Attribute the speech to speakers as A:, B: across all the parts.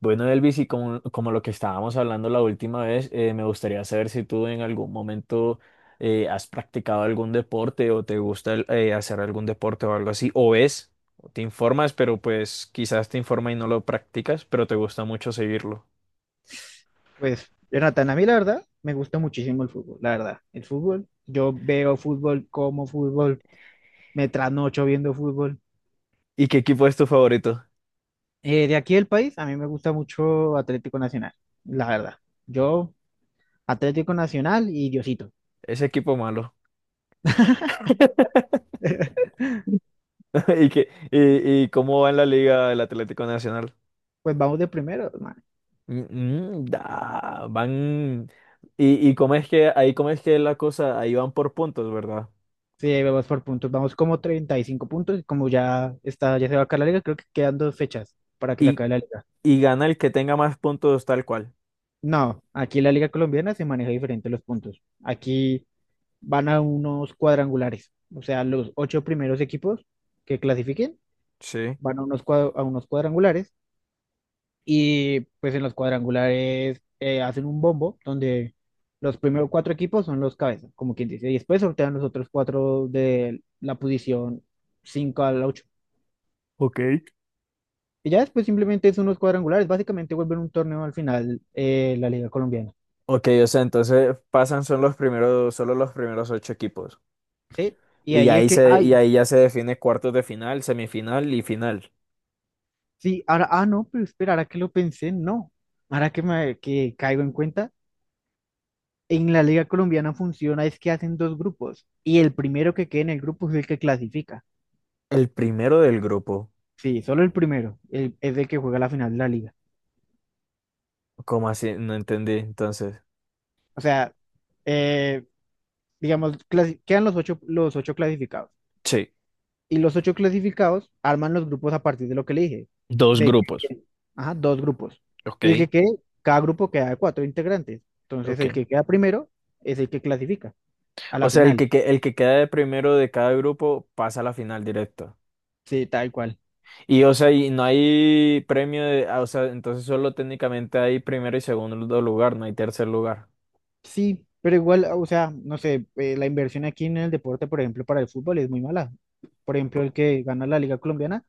A: Bueno, Elvis, y como lo que estábamos hablando la última vez, me gustaría saber si tú en algún momento has practicado algún deporte o te gusta hacer algún deporte o algo así, o ves, o te informas, pero pues quizás te informa y no lo practicas, pero te gusta mucho seguirlo.
B: Pues, Jonathan, a mí la verdad me gusta muchísimo el fútbol, la verdad. El fútbol, yo veo fútbol, como fútbol, me trasnocho viendo fútbol.
A: ¿Y qué equipo es tu favorito?
B: De aquí del país, a mí me gusta mucho Atlético Nacional, la verdad. Yo, Atlético Nacional y Diosito.
A: Ese equipo malo. ¿Y, qué, y cómo va en la Liga el Atlético Nacional?
B: Pues vamos de primero, man.
A: Mm, mm, da, van... ¿Y, y cómo es que, ahí cómo es que la cosa, ahí van por puntos, verdad?
B: Sí, vamos por puntos, vamos como 35 puntos, y como ya está, ya se va a acabar la liga, creo que quedan dos fechas para que se
A: y
B: acabe la liga.
A: y gana el que tenga más puntos tal cual.
B: No, aquí la liga colombiana se maneja diferente los puntos. Aquí van a unos cuadrangulares. O sea, los ocho primeros equipos que clasifiquen
A: Sí.
B: van a a unos cuadrangulares, y pues en los cuadrangulares hacen un bombo donde los primeros cuatro equipos son los cabezas, como quien dice, y después sortean los otros cuatro de la posición 5 al ocho.
A: Ok.
B: Y ya después simplemente son unos cuadrangulares, básicamente vuelven un torneo al final, la Liga Colombiana.
A: Ok, o sea, entonces pasan son los primeros, solo los primeros ocho equipos.
B: Sí, y
A: Y
B: ahí el
A: ahí
B: que,
A: se, y
B: ay,
A: ahí ya se define cuartos de final, semifinal y final.
B: sí, ahora, ah, no, pero espera, ahora que lo pensé, no, ahora que me que caigo en cuenta. En la liga colombiana funciona es que hacen dos grupos y el primero que quede en el grupo es el que clasifica.
A: El primero del grupo.
B: Sí, solo el primero, es el que juega la final de la liga.
A: ¿Cómo así? No entendí, entonces.
B: O sea, eh, digamos, quedan los ocho clasificados,
A: Sí,
B: y los ocho clasificados arman los grupos a partir de lo que le dije,
A: dos
B: de
A: grupos.
B: que- ajá, dos grupos.
A: Ok,
B: Y el que quede, cada grupo queda de cuatro integrantes. Entonces,
A: ok.
B: el que queda primero es el que clasifica a
A: O
B: la
A: sea,
B: final.
A: el que queda de primero de cada grupo pasa a la final directa.
B: Sí, tal cual.
A: Y o sea, y no hay premio de, ah, o sea, entonces solo técnicamente hay primero y segundo lugar, no hay tercer lugar.
B: Sí, pero igual, o sea, no sé, la inversión aquí en el deporte, por ejemplo, para el fútbol es muy mala. Por ejemplo, el que gana la Liga Colombiana,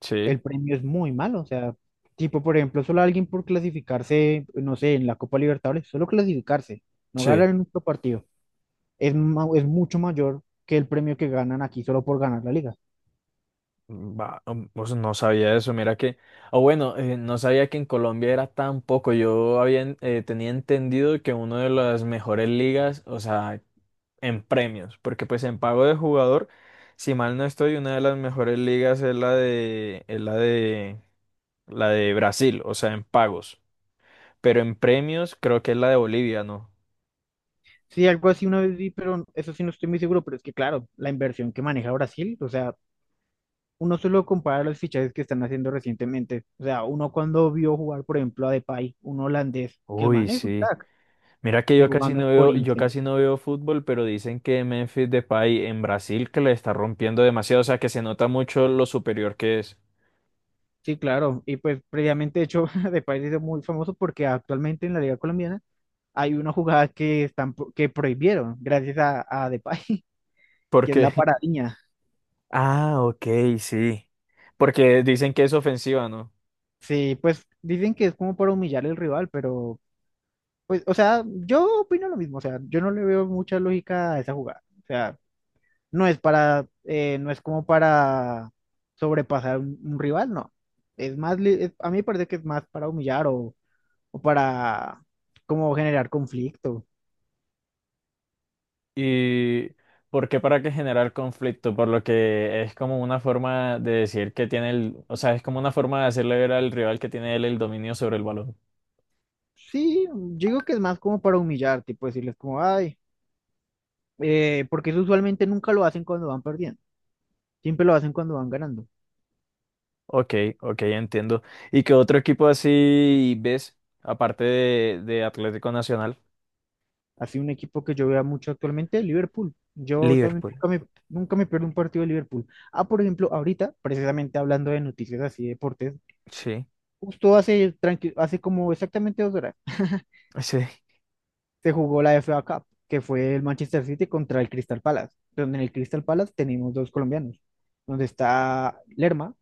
A: Sí.
B: el premio es muy malo. O sea, tipo, por ejemplo, solo alguien por clasificarse, no sé, en la Copa Libertadores, solo clasificarse, no ganar
A: Sí,
B: en otro partido, es mucho mayor que el premio que ganan aquí solo por ganar la liga.
A: va, pues no sabía eso, mira que, o bueno, no sabía que en Colombia era tan poco, tenía entendido que una de las mejores ligas, o sea, en premios, porque pues en pago de jugador, si mal no estoy, una de las mejores ligas es la de Brasil, o sea, en pagos, pero en premios creo que es la de Bolivia, ¿no?
B: Sí, algo así una vez vi, pero eso sí no estoy muy seguro, pero es que claro, la inversión que maneja Brasil, o sea, uno solo compara los fichajes que están haciendo recientemente. O sea, uno cuando vio jugar, por ejemplo, a Depay, un holandés, que el
A: Uy,
B: man es un
A: sí.
B: crack,
A: Mira que
B: y jugando en
A: yo
B: Corinthians.
A: casi no veo fútbol, pero dicen que Memphis Depay en Brasil que le está rompiendo demasiado, o sea que se nota mucho lo superior que es.
B: Sí, claro. Y pues previamente, de hecho, Depay se hizo muy famoso porque actualmente en la Liga Colombiana hay una jugada que prohibieron gracias a Depay, que es
A: Porque,
B: la paradiña.
A: ah, ok, sí. Porque dicen que es ofensiva, ¿no?
B: Sí, pues dicen que es como para humillar al rival, pero pues, o sea, yo opino lo mismo. O sea, yo no le veo mucha lógica a esa jugada. O sea, no es como para sobrepasar un rival, no. Es más, a mí me parece que es más para humillar, o para como generar conflicto.
A: Y porque para que generar conflicto, por lo que es como una forma de decir que tiene el, o sea, es como una forma de hacerle ver al rival que tiene él el dominio sobre el balón.
B: Sí, yo digo que es más como para humillar, tipo decirles como, ay, porque eso usualmente nunca lo hacen cuando van perdiendo, siempre lo hacen cuando van ganando.
A: Ok, ok, entiendo. ¿Y qué otro equipo así ves, aparte de Atlético Nacional?
B: Así un equipo que yo veo mucho actualmente, Liverpool. Yo también
A: Liverpool,
B: nunca me pierdo un partido de Liverpool. Ah, por ejemplo, ahorita, precisamente hablando de noticias así, de deportes,
A: sí,
B: justo hace, como exactamente 2 horas
A: sí.
B: se jugó la FA Cup, que fue el Manchester City contra el Crystal Palace, donde en el Crystal Palace tenemos dos colombianos, donde está Lerma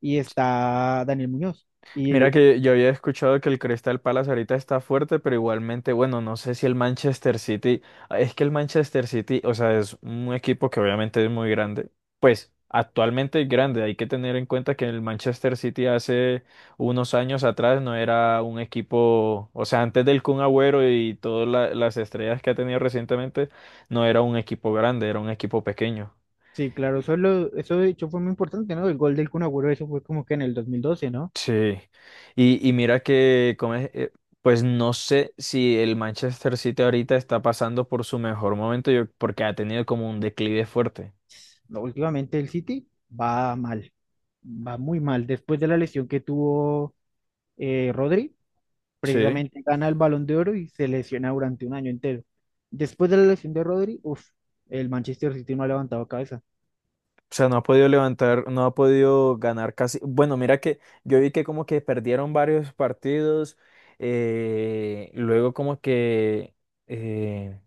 B: y está Daniel Muñoz.
A: Mira
B: Y
A: que yo había escuchado que el Crystal Palace ahorita está fuerte, pero igualmente, bueno, no sé si el Manchester City, ah, es que el Manchester City, o sea, es un equipo que obviamente es muy grande, pues actualmente es grande, hay que tener en cuenta que el Manchester City hace unos años atrás no era un equipo, o sea, antes del Kun Agüero y todas las estrellas que ha tenido recientemente, no era un equipo grande, era un equipo pequeño.
B: sí, claro, eso es lo eso de hecho fue muy importante, ¿no? El gol del Kun Agüero, eso fue como que en el 2012, ¿no?
A: Sí, y mira que, como es, pues no sé si el Manchester City ahorita está pasando por su mejor momento, yo- porque ha tenido como un declive fuerte.
B: No, últimamente el City va mal, va muy mal. Después de la lesión que tuvo, Rodri,
A: Sí.
B: precisamente gana el Balón de Oro y se lesiona durante un año entero. Después de la lesión de Rodri, uf, el Manchester City no ha levantado cabeza.
A: O sea, no ha podido levantar, no ha podido ganar casi. Bueno, mira que yo vi que como que perdieron varios partidos, eh, luego como que, eh,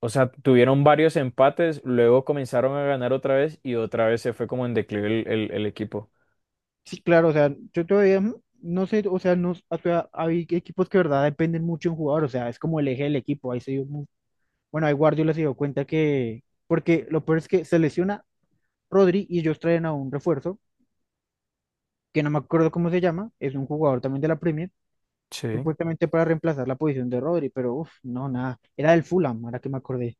A: o sea, tuvieron varios empates, luego comenzaron a ganar otra vez y otra vez se fue como en declive el el equipo.
B: Sí, claro, o sea, yo todavía no sé, o sea, no, o sea, hay equipos que de verdad dependen mucho de un jugador, o sea, es como el eje del equipo. Ahí se dio, mu- bueno, ahí Guardiola se dio cuenta que, porque lo peor es que se lesiona Rodri y ellos traen a un refuerzo, que no me acuerdo cómo se llama, es un jugador también de la Premier,
A: Sí.
B: supuestamente para reemplazar la posición de Rodri, pero uff, no, nada, era del Fulham, ahora que me acordé,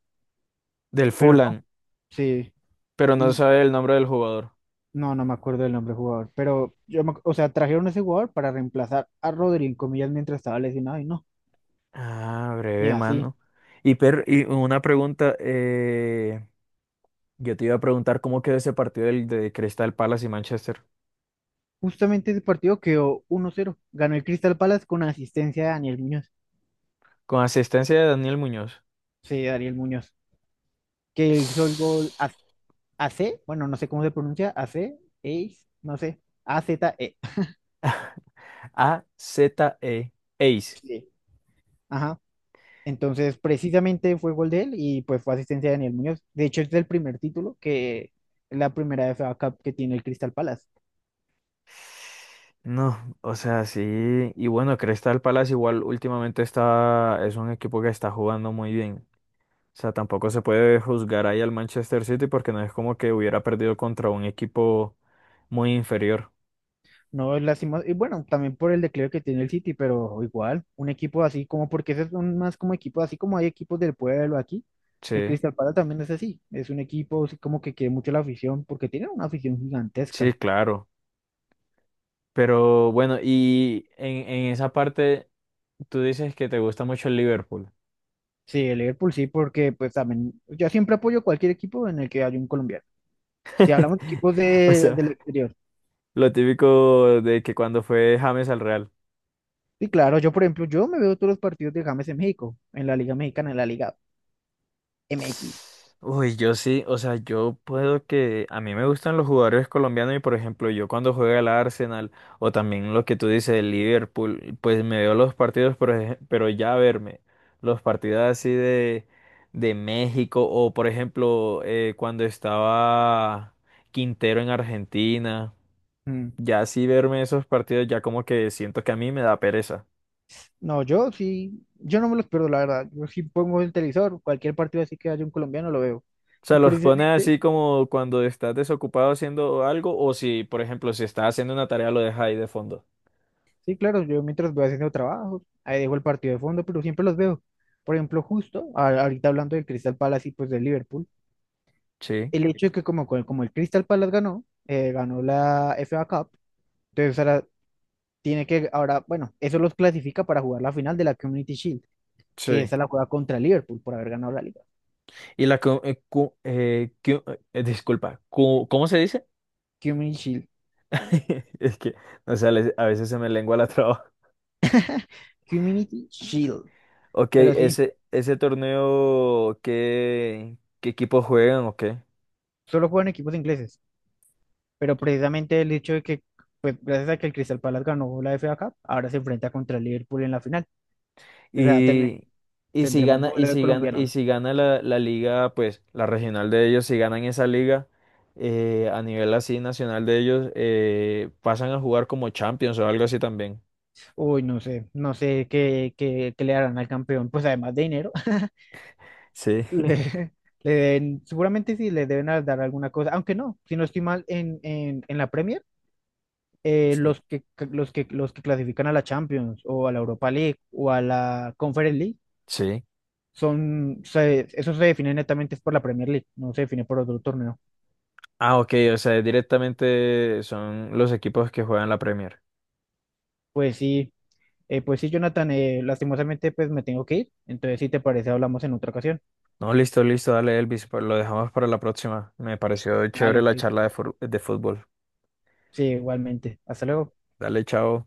A: Del
B: pero no,
A: Fulham.
B: sí.
A: Pero no
B: Y
A: sabe el nombre del jugador.
B: no, no me acuerdo del nombre del jugador, pero o sea, trajeron a ese jugador para reemplazar a Rodri, en comillas, mientras estaba lesionado y no,
A: Ah,
B: ni
A: breve,
B: así.
A: mano. Y una pregunta, yo te iba a preguntar cómo quedó ese partido del, de Crystal Palace y Manchester.
B: Justamente ese partido quedó 1-0, ganó el Crystal Palace con asistencia de Daniel Muñoz,
A: Con asistencia de Daniel Muñoz.
B: sí, Daniel Muñoz, que hizo el gol AC, bueno, no sé cómo se pronuncia, AC, Ace, no sé, a z e
A: A-Z-E. Ace.
B: Sí. Ajá. Entonces, precisamente fue gol de él y pues fue asistencia de Daniel Muñoz. De hecho, es el primer título, que es la primera FA Cup que tiene el Crystal Palace.
A: No, o sea, sí. Y bueno, Crystal Palace igual últimamente está, es un equipo que está jugando muy bien. O sea, tampoco se puede juzgar ahí al Manchester City porque no es como que hubiera perdido contra un equipo muy inferior.
B: No, es lástima. Y bueno, también por el declive que tiene el City, pero igual, un equipo así como, porque ese es más como equipo, así como hay equipos del pueblo aquí, el
A: Sí.
B: Crystal Palace también es así. Es un equipo así como que quiere mucho la afición, porque tiene una afición
A: Sí,
B: gigantesca.
A: claro. Pero bueno, y en esa parte tú dices que te gusta mucho el Liverpool.
B: Sí, el Liverpool sí, porque pues también, yo siempre apoyo cualquier equipo en el que haya un colombiano. Si hablamos de equipos
A: O
B: de,
A: sea,
B: del exterior.
A: lo típico de que cuando fue James al Real.
B: Sí, claro, yo por ejemplo, yo me veo todos los partidos de James en México, en la Liga Mexicana, en la Liga MX.
A: Uy, yo sí, o sea, yo puedo que a mí me gustan los jugadores colombianos y por ejemplo, yo cuando juega el Arsenal o también lo que tú dices, el Liverpool, pues me veo los partidos, por ej- pero ya verme los partidos así de México o por ejemplo, cuando estaba Quintero en Argentina, ya así verme esos partidos ya como que siento que a mí me da pereza.
B: No, yo sí, yo no me los pierdo, la verdad. Yo sí pongo el televisor, cualquier partido así que haya un colombiano lo veo.
A: O sea,
B: Y
A: los pones
B: precisamente,
A: así como cuando estás desocupado haciendo algo o si, por ejemplo, si estás haciendo una tarea lo dejas ahí de fondo.
B: sí, claro, yo mientras voy haciendo trabajos, ahí dejo el partido de fondo, pero siempre los veo. Por ejemplo, justo ahorita hablando del Crystal Palace y pues del Liverpool,
A: Sí,
B: el hecho de que como el Crystal Palace ganó la FA Cup, entonces ahora, bueno, eso los clasifica para jugar la final de la Community Shield, que
A: sí.
B: esa la juega contra el Liverpool por haber ganado la liga.
A: Y la... disculpa, cu- ¿cómo se dice?
B: Community Shield,
A: Es que, o sea, les- a veces se me lengua la traba.
B: Community Shield,
A: Ok,
B: pero sí.
A: ese torneo, ¿qué, qué equipos juegan o qué?
B: Solo juegan equipos ingleses, pero precisamente el hecho de que, pues, gracias a que el Crystal Palace ganó la FA Cup, ahora se enfrenta contra el Liverpool en la final. O sea,
A: Y,
B: tendremos duelo de
A: y
B: colombianos.
A: si gana la, la liga, pues la regional de ellos, si ganan esa liga a nivel así nacional de ellos, pasan a jugar como Champions o algo así también.
B: Uy, no sé qué le darán al campeón, pues además de dinero,
A: Sí.
B: le, seguramente sí le deben dar alguna cosa, aunque no, si no estoy mal, en, la Premier. eh,
A: Sí.
B: los que, los que clasifican a la Champions o a la Europa League o a la Conference League
A: Sí.
B: eso se define netamente es por la Premier League, no se define por otro torneo.
A: Ah, ok, o sea, directamente son los equipos que juegan la Premier.
B: Pues sí, pues sí, Jonathan, lastimosamente pues me tengo que ir, entonces si te parece hablamos en otra ocasión.
A: No, listo, listo, dale Elvis, pues, lo dejamos para la próxima. Me pareció
B: Vale,
A: chévere la
B: ok.
A: charla de, fur- de fútbol.
B: Sí, igualmente. Hasta luego.
A: Dale, chao.